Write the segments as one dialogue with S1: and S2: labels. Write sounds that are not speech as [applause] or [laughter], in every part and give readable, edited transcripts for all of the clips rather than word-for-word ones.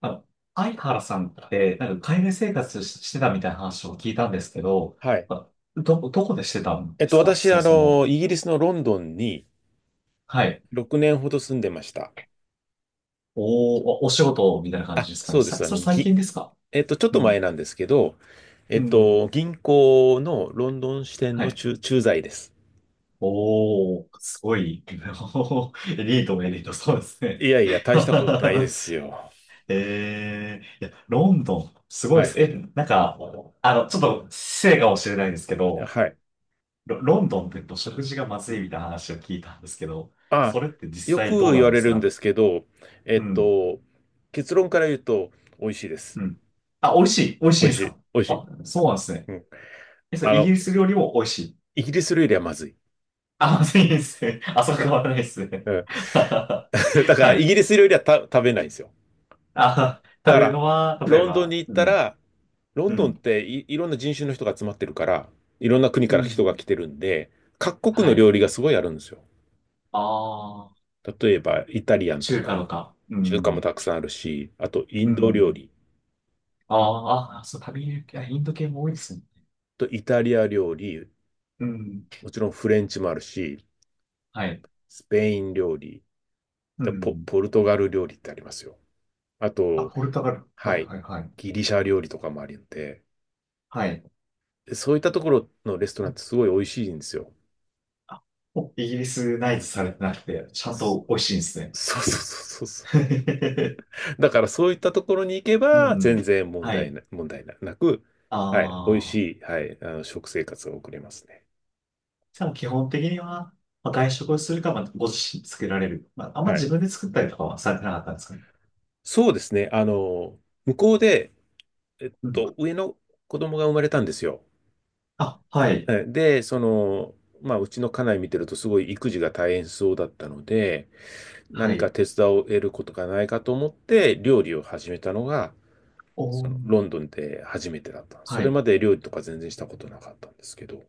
S1: あの、相原さんって、なんか海外生活してたみたいな話を聞いたんですけど、
S2: はい。
S1: あどこでしてたんですか
S2: 私、
S1: そもそも？
S2: イギリスのロンドンに
S1: はい。
S2: 6年ほど住んでました。
S1: おー、お仕事みたいな感じ
S2: あ、
S1: ですか
S2: そ
S1: ね。
S2: うです。あ
S1: そ
S2: の、
S1: れ最近
S2: ぎ、
S1: ですか？
S2: えっと、ちょっ
S1: う
S2: と前
S1: ん。
S2: なんですけど、
S1: うん。
S2: 銀行のロンドン支店
S1: は
S2: の
S1: い。
S2: 駐在です。
S1: おー、すごい。[laughs] エリートもエリート、そうです
S2: い
S1: ね。
S2: やい
S1: [laughs]
S2: や、大したことないですよ。
S1: いや、ロンドン、すごい
S2: は
S1: です。
S2: い。
S1: なんか、ちょっと失礼かもしれないんですけど、
S2: はい。
S1: ロンドンってと食事がまずいみたいな話を聞いたんですけど、そ
S2: あ、
S1: れって実
S2: よ
S1: 際ど
S2: く
S1: う
S2: 言
S1: なん
S2: わ
S1: で
S2: れ
S1: す
S2: るんで
S1: か？
S2: すけど、えっ
S1: うん、
S2: と、結論から言うと、美味しいです。
S1: うん。あ、美味しい、美味し
S2: 美
S1: いん
S2: 味
S1: で
S2: し
S1: すか？
S2: い。美味しい。
S1: あ、そうなんですね。
S2: うん。
S1: それ
S2: あ
S1: イギ
S2: の、
S1: リス料理も美味しい。
S2: イギリス料理はまずい。
S1: あ、まずいですね。あ、そこはないですね。
S2: うん。
S1: [laughs] は
S2: [laughs] だから、イ
S1: い。
S2: ギリス料理はた食べないんですよ。
S1: あ、
S2: だ
S1: 食
S2: か
S1: べる
S2: ら、
S1: のは、例え
S2: ロンドンに
S1: ば、
S2: 行っ
S1: う
S2: た
S1: ん、
S2: ら、ロン
S1: う
S2: ドンっ
S1: ん、
S2: てい、いろんな人種の人が集まってるから、いろんな国
S1: う
S2: から人が来
S1: ん。
S2: てるんで、各国
S1: は
S2: の
S1: い。
S2: 料理がすごいあるんですよ。
S1: ああ、
S2: 例えば、イタリアンと
S1: 中華
S2: か、
S1: とか。う
S2: 中華
S1: ん、
S2: もたくさんあるし、あと、イ
S1: う
S2: ンド料
S1: ん。
S2: 理
S1: あーあ、そう、食べる、あインド系も多いですね。
S2: とイタリア料理、
S1: うん。
S2: もちろんフレンチもあるし、
S1: はい。
S2: スペイン料理、
S1: うん。
S2: ポルトガル料理ってありますよ。あ
S1: あ、
S2: と、
S1: ポルトガル。は
S2: は
S1: い
S2: い、
S1: はいはい。
S2: ギリシャ料理とかもあるんで、
S1: はい。
S2: そういったところのレストランってすごい美味しいんですよ。
S1: お、イギリスナイズされてなくて、ちゃん
S2: そ
S1: と美味しいんですね。
S2: そうそうそうそう
S1: [laughs]
S2: だからそういったところに行け
S1: う
S2: ば、全
S1: ん。
S2: 然問
S1: は
S2: 題
S1: い。
S2: な、問題なく、
S1: あ
S2: はい、美味し
S1: あ。
S2: い、はい、食生活が送れますね。
S1: でも基本的には、まあ、外食をするか、まあ、ご自身で作られる。まあ、あんま
S2: は
S1: 自
S2: い。
S1: 分で作ったりとかはされてなかったんですかね。
S2: そうですね。向こうで、
S1: うん。
S2: 上の子供が生まれたんですよ。
S1: あ、はい。
S2: その、まあ、うちの家内見てるとすごい育児が大変そうだったので、
S1: は
S2: 何か
S1: い。
S2: 手伝を得ることがないかと思って料理を始めたのが、そ
S1: お
S2: の
S1: ー。
S2: ロンドンで初めてだった。そ
S1: は
S2: れ
S1: い。
S2: まで料理とか全然したことなかったんですけど。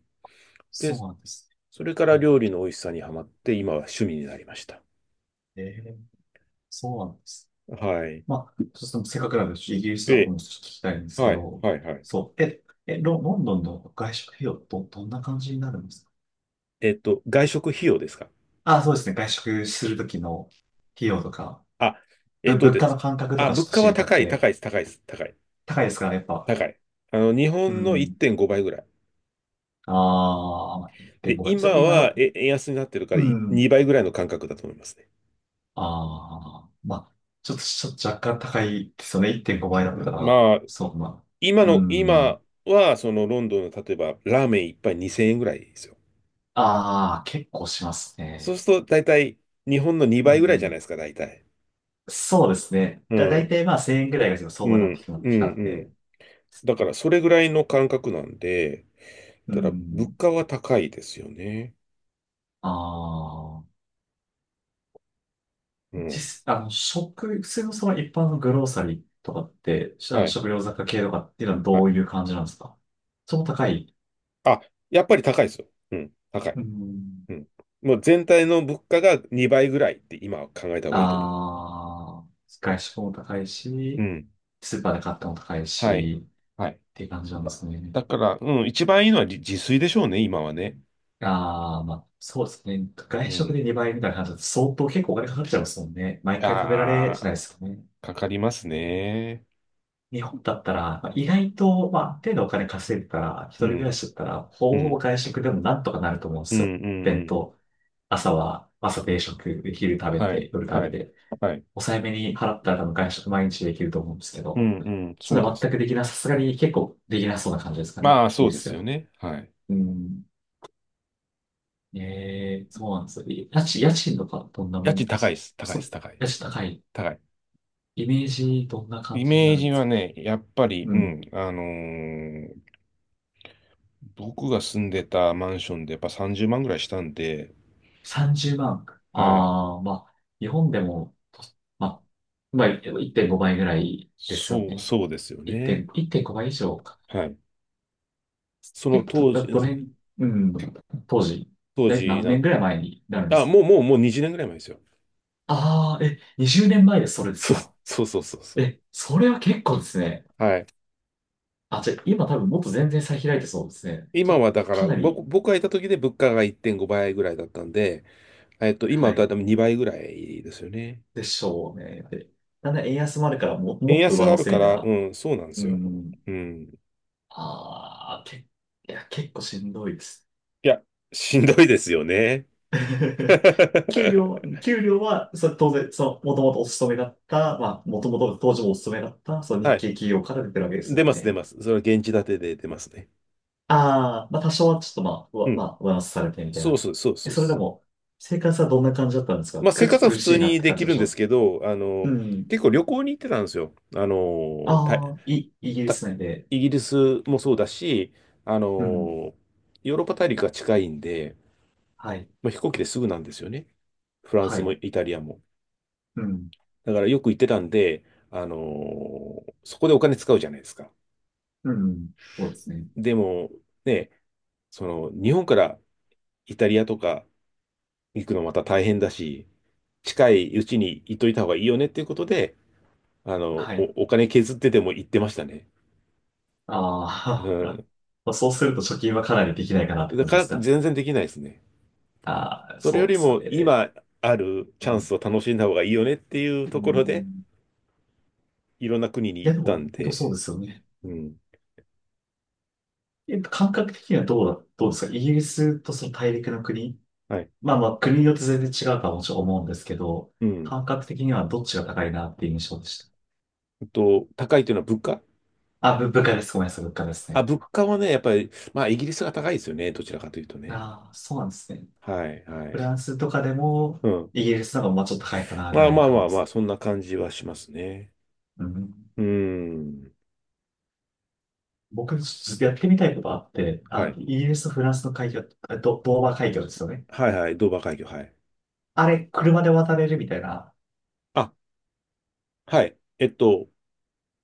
S2: で、
S1: そうなんですね。
S2: それから
S1: う
S2: 料
S1: ん。
S2: 理の美味しさにはまって、今は趣味になりました。
S1: えー、そうなんですね。
S2: はい。
S1: まあ、ちょっとせっかくなんで、イギリスの
S2: え
S1: こと
S2: え、
S1: も少し聞きたいんですけ
S2: はい、
S1: ど、
S2: はい、はい。
S1: そう、ロンドンの外食費用、どんな感じになるんですか？
S2: 外食費用ですか？
S1: あ、そうですね、外食するときの費用とか、
S2: あ、えっと
S1: 物
S2: で
S1: 価の
S2: す。
S1: 感覚と
S2: あ、
S1: かちょ
S2: 物
S1: っと
S2: 価
S1: 知
S2: は
S1: りたく
S2: 高い、
S1: て、
S2: 高いです、高いです、高い、
S1: 高いですか、やっぱ？
S2: 高い。あの、日
S1: う
S2: 本の
S1: ん。
S2: 1.5倍ぐらい。
S1: ああ、1.5
S2: で、
S1: 倍。
S2: 今
S1: それ今
S2: は、
S1: の、
S2: え、円安になってるか
S1: う
S2: らい
S1: ん。
S2: 2倍ぐらいの感覚だと思いますね。
S1: ああ、まあ、ちょっと若干高いですよね、1.5倍だったら。
S2: まあ、
S1: そう、まあ、
S2: 今
S1: う
S2: の、
S1: ん。
S2: 今は、そのロンドンの例えば、ラーメン一杯2000円ぐらいですよ。
S1: ああ、結構します
S2: そう
S1: ね。
S2: すると、大体、日本の
S1: う
S2: 2倍ぐらいじゃない
S1: ん。
S2: ですか、大体。
S1: そうですね。
S2: う
S1: だい
S2: ん、
S1: たいまあ1000円ぐらいが
S2: う
S1: 相場にな
S2: ん、
S1: ってきまっ
S2: う
S1: てきたん
S2: ん、う
S1: で。
S2: ん。だからそれぐらいの感覚なんで、
S1: う
S2: ただ物
S1: ん。
S2: 価は高いですよね。
S1: ああ。
S2: うん。
S1: 実、あの、食、普通のその一般のグローサリーとかって、しあ
S2: は
S1: の
S2: い。
S1: 食料雑貨系とかっていうのは
S2: は
S1: ど
S2: い。
S1: ういう感じなんですか？その、高い？
S2: あ、やっぱり高いですよ。うん。高い。
S1: うん。
S2: うん。もう全体の物価が2倍ぐらいって今は考えた方がいいと思う。
S1: ああ。外食も高い
S2: う
S1: し、
S2: ん。
S1: スーパーで買ったも高い
S2: はい。
S1: し、
S2: はい。
S1: っていう感じなんですね。
S2: だから、うん、一番いいのは自炊でしょうね、今はね。
S1: ああ、まあ、そうですね。
S2: う
S1: 外食
S2: ん。
S1: で2倍みたいな感じだと相当結構お金かかっちゃいますもんね。毎回食べられ
S2: あ
S1: しない
S2: あ、
S1: ですよね。
S2: かかりますね。
S1: 日本だったら、まあ意外と、まあ、ある程度お金稼いでたら、一
S2: う
S1: 人暮ら
S2: ん。
S1: しだったら、ほ
S2: う
S1: ぼほぼ
S2: ん。
S1: 外食でもなんとかなると思うんで
S2: う
S1: す
S2: ん。う
S1: よ。
S2: ん。う
S1: 弁
S2: ん。
S1: 当。朝は、朝定食、昼食べ
S2: はい。
S1: て、夜食
S2: は
S1: べ
S2: い。
S1: て、
S2: はい。
S1: 抑えめに払ったら多分外食毎日できると思うんですけ
S2: う
S1: ど、
S2: ん。うん。
S1: そ
S2: そう
S1: れ
S2: で
S1: は全
S2: す。
S1: くできなさすがに結構できなそうな感じですかね。
S2: まあ、
S1: いい
S2: そう
S1: で
S2: で
S1: す
S2: すよ
S1: よ。
S2: ね。はい。
S1: うん。ええ、そうなんですよ。家賃とかどんなも
S2: 家賃
S1: んで
S2: 高い
S1: す
S2: で
S1: か？
S2: す。高い
S1: そ
S2: です。
S1: う、
S2: 高い。
S1: 家賃高い。
S2: 高い。
S1: イメージどんな感
S2: イ
S1: じにな
S2: メー
S1: るん
S2: ジ
S1: です
S2: は
S1: か？
S2: ね、やっぱり、
S1: う
S2: う
S1: ん。
S2: ん、僕が住んでたマンションでやっぱ30万ぐらいしたんで、
S1: 30万。
S2: はい。
S1: ああ、まあ、日本でも、と、まあ、まあ、1.5倍ぐらいですよ
S2: そう、
S1: ね。
S2: そうですよね。
S1: 1.5、1.5倍以上か。
S2: はい。その
S1: 結構、
S2: 当
S1: ど
S2: 時、う
S1: どの
S2: ん
S1: 辺、うん、当時、
S2: 当時
S1: 何
S2: な、
S1: 年ぐらい前になるんで
S2: あ、
S1: すか？
S2: もう20年ぐらい前ですよ。
S1: ああー、20年前でそれ
S2: [laughs]
S1: です
S2: そう、
S1: か？
S2: そうそうそうそ
S1: それは結構ですね。
S2: う。はい。
S1: あ、じゃあ、今多分もっと全然差開いてそうですね。
S2: 今
S1: と、
S2: はだから、
S1: かなり、
S2: 僕がいた時で物価が1.5倍ぐらいだったんで、今
S1: は
S2: はだ
S1: い、
S2: いたい2倍ぐらいですよね。
S1: でしょうね。で、だんだん円安もあるからも、
S2: 円
S1: もっと
S2: 安
S1: 上
S2: があ
S1: 乗
S2: る
S1: せ
S2: か
S1: みたい
S2: ら、う
S1: な、
S2: ん、そうなんです
S1: う
S2: よ。
S1: ん、
S2: うん。
S1: ああ、いや、結構しんどいです。
S2: いや、しんどいですよね。
S1: [laughs] 給料、
S2: [laughs]
S1: 給料は、それ当然、その、もともとお勤めだった、まあ、もともと当時もお勤めだった、その
S2: は
S1: 日
S2: い。
S1: 系企業から出てるわけです
S2: 出
S1: もん
S2: ます、出
S1: ね。
S2: ます。それは現地建てで出ますね。
S1: ああ、まあ、多少はちょっとまあ、う
S2: う
S1: わ、ま
S2: ん。
S1: あ、上乗せされてみたい
S2: そう
S1: な。
S2: そう、そうそうで
S1: それで
S2: す。
S1: も、生活はどんな感じだったんですか？
S2: まあ、生
S1: ちょっ
S2: 活
S1: と
S2: は
S1: 苦
S2: 普
S1: し
S2: 通
S1: いなっ
S2: に
S1: て
S2: で
S1: 感
S2: き
S1: じで
S2: る
S1: し
S2: ん
S1: た。
S2: です
S1: う。
S2: けど、あ
S1: う
S2: の、
S1: ん。
S2: 結構旅行に行ってたんですよ。あの、た、
S1: ああ、イギリ
S2: た、
S1: ス内で。
S2: イギリスもそうだし、あ
S1: うん。
S2: の、ヨーロッパ大陸が近いんで、
S1: はい。
S2: まあ、飛行機ですぐなんですよね。フラン
S1: は
S2: スも
S1: い。
S2: イタリアも。
S1: うん。
S2: だからよく行ってたんで、あの、そこでお金使うじゃないですか。
S1: うん。そうですね。
S2: でも、ね、その、日本からイタリアとか行くのまた大変だし、近いうちに行っといた方がいいよねっていうことで、あの、
S1: はい。
S2: お金削ってでも行ってましたね。う
S1: ああ。
S2: ん。
S1: [laughs] まあそうすると貯金はかなりできないかなって
S2: だ
S1: 感
S2: か
S1: じで
S2: ら
S1: すか？
S2: 全然できないですね。
S1: ああ、
S2: それよ
S1: そうで
S2: り
S1: すよ
S2: も
S1: ね。
S2: 今ある
S1: う
S2: チャン
S1: ん。
S2: スを楽しんだ方がいいよねっていう
S1: う
S2: ところで、
S1: ん。
S2: いろんな国に
S1: いや、
S2: 行っ
S1: でも、
S2: たん
S1: 本当そう
S2: で、
S1: ですよね。
S2: うん。
S1: 感覚的にはどうですかイギリスとその大陸の国？
S2: はい。
S1: まあまあ、国によって全然違うとはもちろん思うんですけど、
S2: うん。
S1: 感覚的にはどっちが高いなっていう印象でし
S2: えっと、高いというのは物価？
S1: た。あ、物価です。ごめんなさい、物価です
S2: あ、
S1: ね。
S2: 物価はね、やっぱり、まあ、イギリスが高いですよね。どちらかというとね。
S1: ああ、そうなんですね。
S2: はい、は
S1: フ
S2: い。
S1: ランスとかでも、
S2: うん。
S1: イギリスの方がまあちょっと高いかな、ぐ
S2: まあ
S1: らいな
S2: まあ
S1: 感
S2: ま
S1: じで
S2: あま
S1: す
S2: あ、
S1: か？
S2: そんな感じはしますね。
S1: うん。
S2: うん。
S1: 僕、ちょっとやってみたいことあって、
S2: は
S1: あ、
S2: い。
S1: イギリスとフランスの海峡、ドーバー海峡ですよね。
S2: はいはい。ドーバー海峡。はい。
S1: あれ、車で渡れるみたいな。
S2: あ、はい。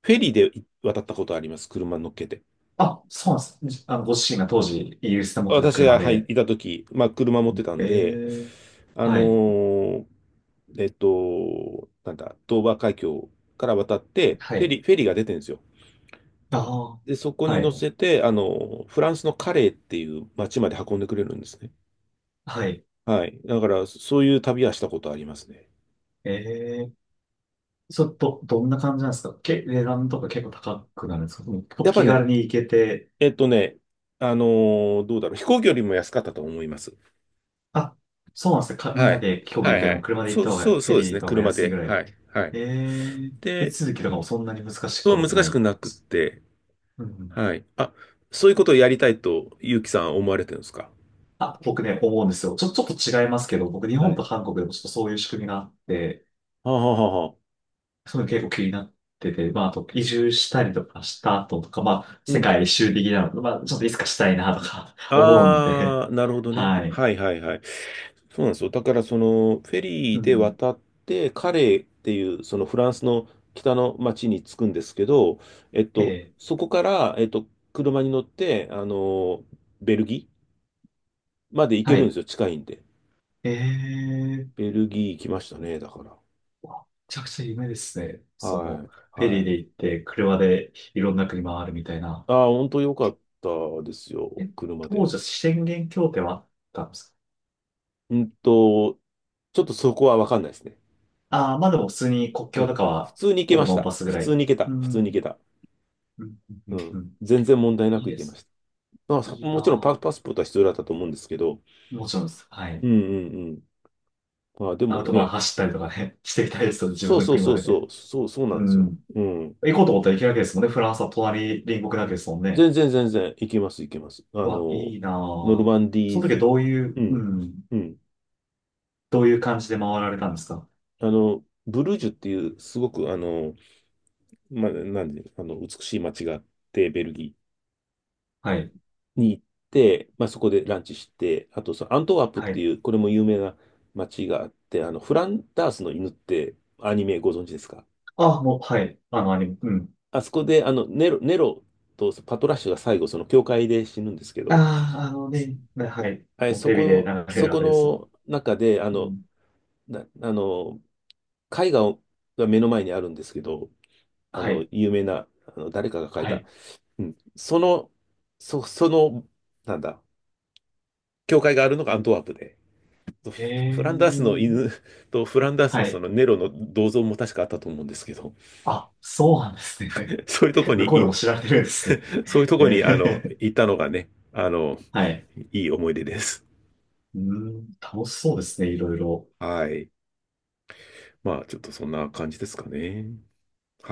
S2: フェリーで渡ったことあります。車乗っけて。
S1: あ、そうなんです。ご自身が当時、イギリスで持ってた
S2: 私
S1: 車
S2: が、はい、
S1: で。
S2: いたとき、まあ、車持ってたん
S1: え
S2: で、
S1: え。
S2: あの
S1: はい。
S2: ーなんだ、ドーバー海峡から渡って、
S1: はい。
S2: フェリーが出てるんですよ。
S1: あ
S2: で、そこ
S1: あ、
S2: に
S1: は
S2: 乗
S1: い。
S2: せて、あの、フランスのカレーっていう町まで運んでくれるんですね。
S1: はい。
S2: はい。だから、そういう旅はしたことありますね。
S1: ええ。ちょっと、どんな感じなんですか？値段とか結構高くなるんですか？もうちょっと
S2: やっぱ
S1: 気
S2: ね、
S1: 軽に行けて。
S2: えっとね、あのどうだろう、飛行機よりも安かったと思います。
S1: あ、そうなんですね。みん
S2: は
S1: な
S2: い。
S1: で飛行機
S2: は
S1: で行く
S2: い
S1: よ
S2: は
S1: りも
S2: い。
S1: 車で行
S2: そ
S1: った
S2: う、
S1: 方が、
S2: そう、
S1: フ
S2: そ
S1: ェ
S2: う
S1: リ
S2: で
S1: ーで
S2: す
S1: 行
S2: ね。
S1: った方が
S2: 車
S1: 安いぐ
S2: で。
S1: らい。
S2: はい。はい。
S1: ええ。手
S2: で、
S1: 続きとかもそんなに難しいこ
S2: そう
S1: とも
S2: 難
S1: な
S2: しく
S1: い。
S2: なくって、
S1: うん。
S2: はい。あ、そういうことをやりたいと、ゆうきさん思われてるんですか？
S1: あ、僕ね、思うんですよ。ちょっと違いますけど、僕日
S2: は
S1: 本
S2: い。
S1: と韓国でもちょっとそういう仕組みがあって、
S2: はあ、はあはあはあ、
S1: そういうの結構気になってて、まあ、あと移住したりとかした後とか、まあ、
S2: う
S1: 世
S2: ん。
S1: 界一周的なの、まあ、ちょっといつかしたいなとか [laughs] 思うんで、
S2: ああ、なるほどね。
S1: はい。
S2: はいはいはい。そうなんですよ。だから、その、フェリ
S1: う
S2: ーで
S1: ん。
S2: 渡って、カレーっていう、そのフランスの北の町に着くんですけど、えっ
S1: え
S2: と、
S1: え、
S2: そこから、車に乗って、あの、ベルギーまで行け
S1: は
S2: るんで
S1: い。
S2: すよ。近いんで。
S1: ええ、
S2: ベルギー行きましたね、だから。
S1: わめちゃくちゃ夢ですね。その、
S2: はい。
S1: フェリ
S2: は
S1: ーで
S2: い。
S1: 行って、車でいろんな国回るみたいな。
S2: ああ、本当良かったですよ、
S1: え、
S2: 車
S1: 当
S2: で。
S1: 時は宣言協定はあったんですか？
S2: うんと、ちょっとそこはわかんないですね。
S1: ああ、まあでも普通に国
S2: う
S1: 境と
S2: ん。
S1: か
S2: 普
S1: は、
S2: 通に行け
S1: ほ
S2: ま
S1: ぼ
S2: し
S1: ノー
S2: た。
S1: パスぐ
S2: 普
S1: ら
S2: 通
S1: い。
S2: に行けた。
S1: う
S2: 普通に行け
S1: ん。
S2: た。
S1: うん。う
S2: う
S1: ん。う
S2: ん。
S1: ん。
S2: 全然問題な
S1: いい
S2: く行
S1: で
S2: けま
S1: す。
S2: した。まあ、さ
S1: いい
S2: もちろん
S1: な
S2: パスポートは必要だったと思うんですけど、
S1: ぁ。もちろんです。は
S2: う
S1: い。
S2: んうんうん。まあ、で
S1: アウ
S2: も
S1: トバーン
S2: ね、
S1: 走ったりとかね、[laughs] していきたいですよ、自
S2: そ
S1: 分
S2: う
S1: の
S2: そうそ
S1: 車
S2: う
S1: で
S2: そ
S1: ね。
S2: う、そう、そうなん
S1: う
S2: ですよ。
S1: ん。
S2: うん。
S1: 行こうと思ったら行けるわけですもんね。フランスは隣国なわけですもんね。
S2: 全然全然行けます、行けます。あ
S1: うわ、
S2: の、
S1: いいな
S2: ノルマ
S1: ぁ。
S2: ンディ
S1: その時は
S2: ー、
S1: どうい
S2: う
S1: う、う
S2: ん、
S1: ん。
S2: うん。
S1: どういう感じで回られたんですか？
S2: あの、ブルージュっていう、すごく、あの、まあ、なんで、あの、美しい街があって、ベルギ
S1: はい。
S2: ーに行って、まあ、そこでランチして、あと、そのアントワープっ
S1: は
S2: て
S1: い。
S2: いう、これも有名な街があって、あの、フランダースの犬ってアニメご存知ですか？
S1: あ、もう、はい。あの、アニメ。うん。
S2: あそこで、あの、ネロとパトラッシュが最後、その教会で死ぬんですけど、
S1: ああ、あのね、はい。
S2: はい、
S1: もうテレビで流れ
S2: そ
S1: るあ
S2: こ
S1: れです。
S2: の中で、あ
S1: う
S2: の、
S1: ん。
S2: な、あの、絵画をが目の前にあるんですけど、あ
S1: は
S2: の、
S1: い。
S2: 有名な、あの、誰かが描い
S1: は
S2: た。
S1: い。
S2: うん。その、なんだ、教会があるのがアントワープで、フ
S1: へ
S2: フランダースの
S1: え。
S2: 犬 [laughs] とフランダース
S1: は
S2: のそ
S1: い。
S2: のネロの銅像も確かあったと思うんですけど、
S1: あ、そうなんですね。
S2: [laughs] そういうとこ
S1: [laughs]
S2: に
S1: 向こうで
S2: い、
S1: も知られてるんですね。
S2: [laughs] そういうとこ
S1: え
S2: に、あの、
S1: え。
S2: 行ったのがね、あの、
S1: はい。
S2: いい思い出です。
S1: うーん、楽しそうですね、いろいろ。
S2: はい。まあ、ちょっとそんな感じですかね。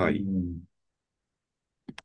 S1: う
S2: い。
S1: ん。